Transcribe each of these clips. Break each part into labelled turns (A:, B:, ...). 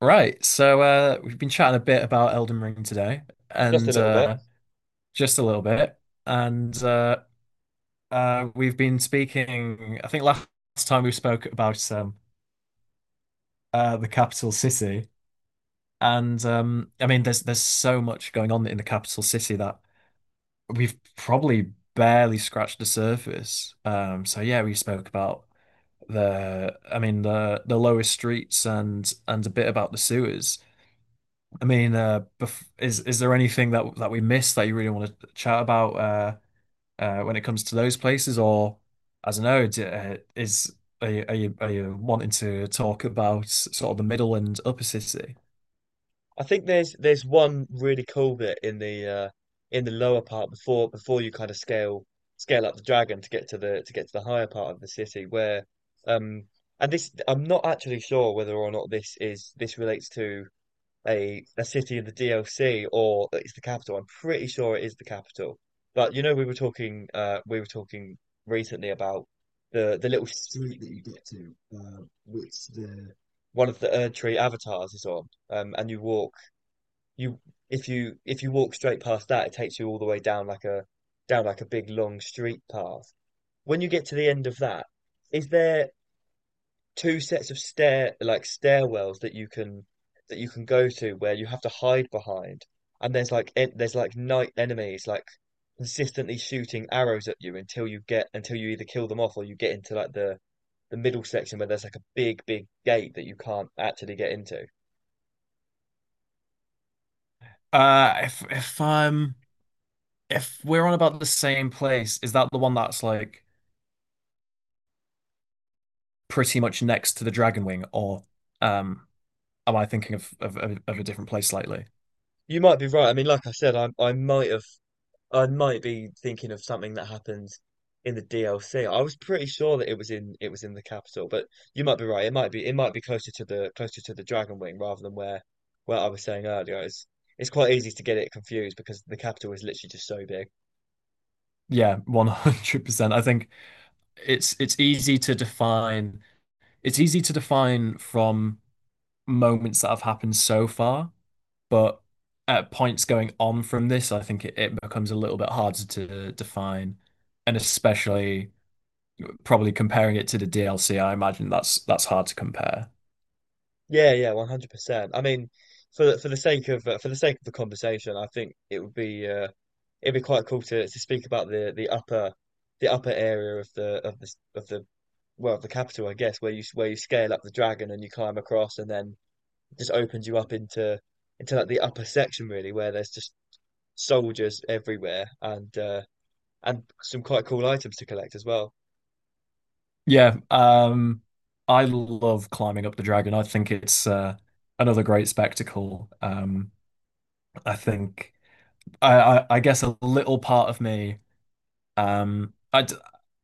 A: Right, we've been chatting a bit about Elden Ring today,
B: Just a
A: and
B: little bit.
A: just a little bit, and we've been speaking. I think last time we spoke about the capital city, and I mean, there's so much going on in the capital city that we've probably barely scratched the surface. So yeah, we spoke about I mean, the lowest streets and a bit about the sewers. I mean, bef is there anything that we missed that you really want to chat about when it comes to those places, or I don't know, d is are you, are you are you wanting to talk about sort of the middle and upper city?
B: I think there's one really cool bit in the lower part before you kind of scale up the dragon to get to the higher part of the city where um and this, I'm not actually sure whether or not this is this relates to a city in the DLC or it's the capital. I'm pretty sure it is the capital. But you know, we were talking recently about the little street that you get to, which the one of the Erdtree avatars is on. And you walk you if you walk straight past that, it takes you all the way down like a big long street path. When you get to the end of that, is there two sets of stair, like stairwells, that you can go to where you have to hide behind, and there's like en there's like night enemies like consistently shooting arrows at you until you get until you either kill them off or you get into like the middle section where there's like a big gate that you can't actually get into.
A: Uh, if if um if we're on about the same place, is that the one that's like pretty much next to the Dragon Wing, or um am I thinking of a different place slightly?
B: You might be right. I mean, like I said, I might be thinking of something that happened in the DLC. I was pretty sure that it was in the capital, but you might be right. It might be closer to the Dragon Wing rather than where I was saying earlier. It's quite easy to get it confused because the capital is literally just so big.
A: Yeah, 100%. I think it's it's easy to define it's easy to define from moments that have happened so far, but at points going on from this, I think it becomes a little bit harder to define, and especially probably comparing it to the DLC, I imagine that's hard to compare.
B: Yeah, yeah, 100%. I mean, for the sake of for the sake of the conversation, I think it'd be quite cool to speak about the upper area of the of the of the well, the capital, I guess, where you scale up the dragon and you climb across, and then it just opens you up into like the upper section, really, where there's just soldiers everywhere, and some quite cool items to collect as well.
A: Yeah, I love climbing up the dragon. I think it's another great spectacle. I think I guess a little part of me Um, I,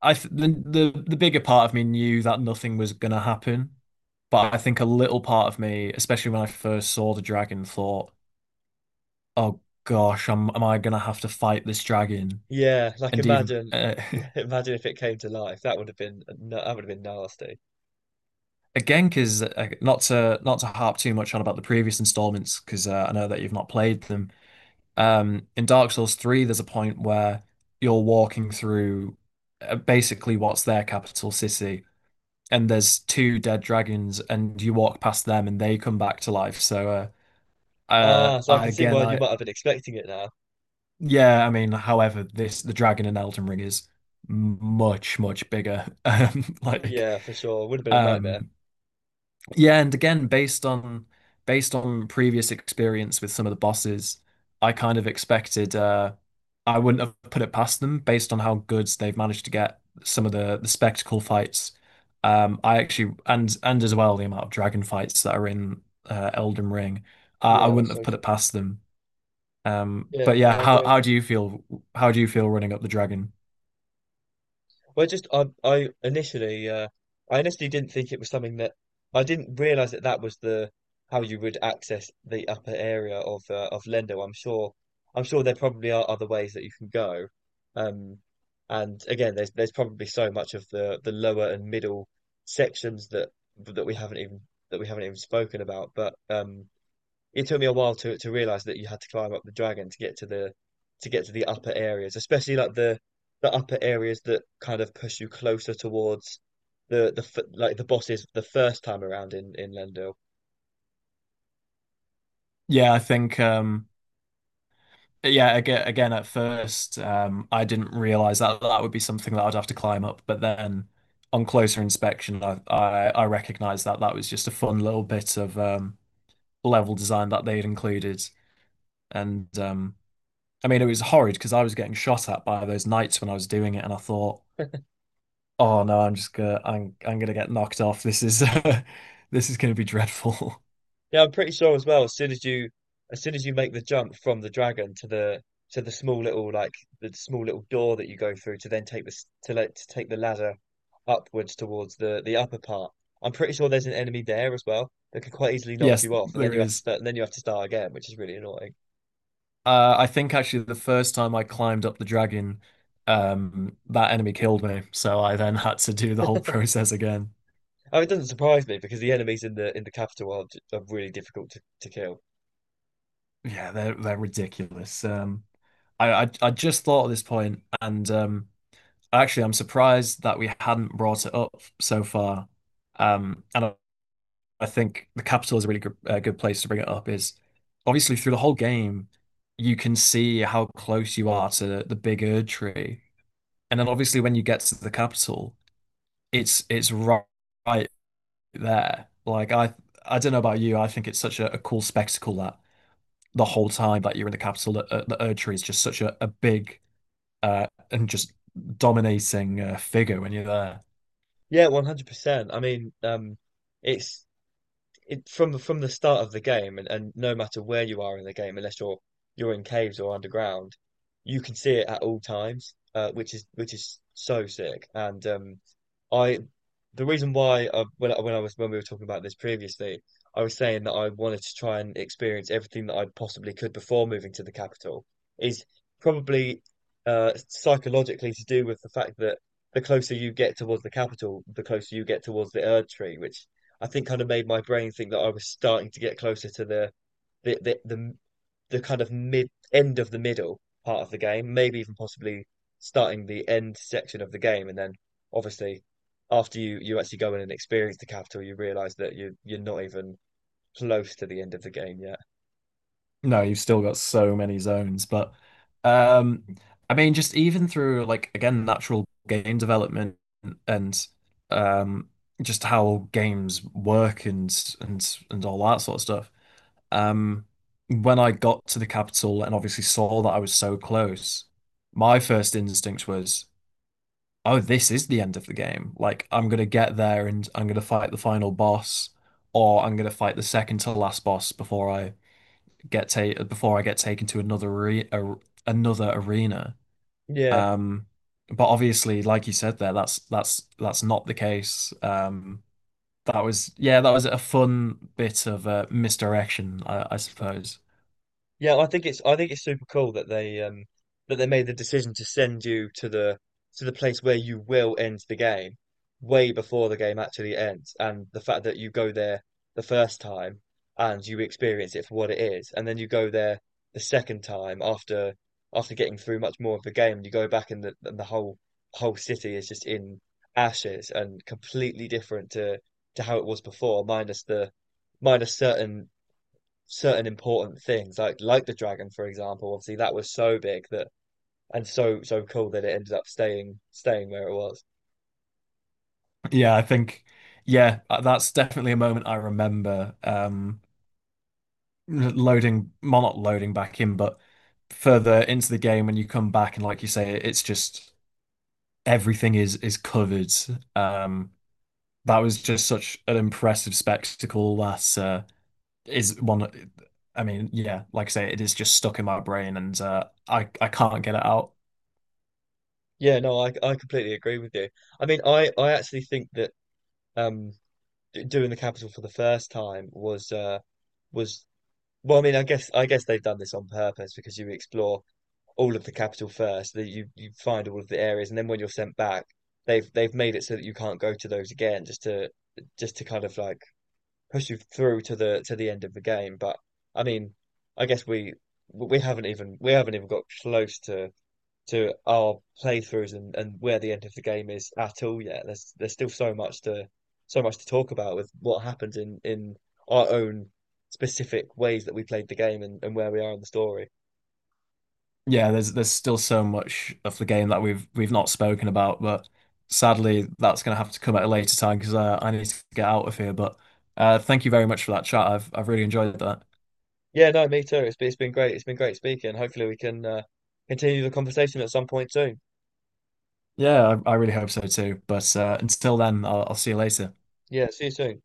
A: I the, the bigger part of me knew that nothing was gonna happen, but I think a little part of me, especially when I first saw the dragon, thought, "Oh gosh, am I gonna have to fight this dragon?"
B: Yeah,
A: And even
B: imagine if it came to life. That would have been nasty.
A: again, because not to not to harp too much on about the previous installments, because I know that you've not played them. In Dark Souls 3, there's a point where you're walking through basically what's their capital city, and there's two dead dragons, and you walk past them, and they come back to life. So,
B: Ah, so I can see
A: again,
B: why you
A: I
B: might have been expecting it now.
A: yeah, I mean, however, this the dragon in Elden Ring is much bigger.
B: Yeah, for sure. It would have been a nightmare.
A: Um, yeah, and again, based on previous experience with some of the bosses, I kind of expected I wouldn't have put it past them based on how good they've managed to get some of the spectacle fights. I actually and as well the amount of dragon fights that are in Elden Ring. I
B: Yeah, that's
A: wouldn't have
B: so
A: put
B: true.
A: it past them.
B: Yeah,
A: But
B: no,
A: yeah,
B: I agree.
A: how do you feel running up the dragon?
B: Well, just I initially didn't think it was something that I didn't realize that that was the how you would access the upper area of Lendo. I'm sure there probably are other ways that you can go. Um, and again, there's probably so much of the lower and middle sections that that we haven't even that we haven't even spoken about. But. It took me a while to realize that you had to climb up the dragon to get to the upper areas, especially like the upper areas that kind of push you closer towards the bosses the first time around in Lendo.
A: Yeah, I think Yeah, again, at first, I didn't realize that that would be something that I'd have to climb up. But then, on closer inspection, I recognized that that was just a fun little bit of level design that they'd included. And I mean, it was horrid because I was getting shot at by those knights when I was doing it, and I thought, oh no, I'm gonna get knocked off. This is this is gonna be dreadful.
B: Yeah, I'm pretty sure as well. As soon as you make the jump from the dragon to the small little like the small little door that you go through to then take this to like to take the ladder upwards towards the upper part. I'm pretty sure there's an enemy there as well that could quite easily knock
A: Yes,
B: you off, and then
A: there
B: you have to
A: is.
B: start. Again, which is really annoying.
A: I think actually the first time I climbed up the dragon, that enemy killed me, so I then had to do the whole process again.
B: Oh, it doesn't surprise me because the enemies in the capital are, are really difficult to kill.
A: Yeah, they're ridiculous. I just thought at this point, and actually I'm surprised that we hadn't brought it up so far. Um, and I, I think the capital is a really good good place to bring it up. Is obviously through the whole game, you can see how close you are to big Erd tree, and then obviously when you get to the capital. it's it's right, right there. I don't know about you, I think it's such a cool spectacle that the whole time that you're in the capital, that, the Erd is just such a big and just dominating figure when you're there.
B: Yeah, 100%. I mean, it's it, from the start of the game, and no matter where you are in the game, unless you're in caves or underground, you can see it at all times, which is so sick. And I the reason why I, when I, when I was when we were talking about this previously, I was saying that I wanted to try and experience everything that I possibly could before moving to the capital is probably psychologically to do with the fact that the closer you get towards the capital, the closer you get towards the Erd Tree, which I think kind of made my brain think that I was starting to get closer to the the the, the kind of mid end of the middle part of the game, maybe even possibly starting the end section of the game, and then obviously after you actually go in and experience the capital, you realize that you're not even close to the end of the game yet.
A: No, you've still got so many zones, but um, I mean, just even through like again natural game development and um, just how games work and and all that sort of stuff. Um, when I got to the capital and obviously saw that I was so close, my first instinct was, oh, this is the end of the game. Like, I'm gonna get there and I'm gonna fight the final boss, or I'm gonna fight the second to last boss before I get ta before I get taken to another another arena.
B: Yeah.
A: Um, but obviously, like you said there, that's that's not the case. That was yeah, that was a fun bit of misdirection, I suppose.
B: Yeah, I think it's super cool that they made the decision to send you to the place where you will end the game way before the game actually ends, and the fact that you go there the first time and you experience it for what it is, and then you go there the second time after getting through much more of the game, and you go back, and the whole whole city is just in ashes and completely different to how it was before, minus the minus certain certain important things, like the dragon, for example. Obviously, that was so big that and so so cool that it ended up staying where it was.
A: Yeah, I think, yeah, that's definitely a moment I remember. Loading, well, not loading back in, but further into the game when you come back and, like you say, it's just everything is covered. Um, that was just such an impressive spectacle. That is one. I mean, yeah, like I say, it is just stuck in my brain, and I can't get it out.
B: Yeah, no, I completely agree with you. I mean, I actually think that um doing the capital for the first time was was well, I mean, I guess they've done this on purpose because you explore all of the capital first, that you find all of the areas, and then when you're sent back, they've made it so that you can't go to those again, just to kind of like push you through to the end of the game. But I mean, I guess we haven't even got close to our playthroughs and where the end of the game is at all yet. There's still so much to talk about with what happens in our own specific ways that we played the game, and where we are in the story.
A: Yeah, there's still so much of the game that we've not spoken about, but sadly that's going to have to come at a later time because I need to get out of here. But thank you very much for that chat. I've really enjoyed that.
B: Yeah, no, me too. It's been great. It's been great speaking. Hopefully we can continue the conversation at some point soon.
A: Yeah, I really hope so too. But until then, I'll see you later.
B: Yeah, see you soon.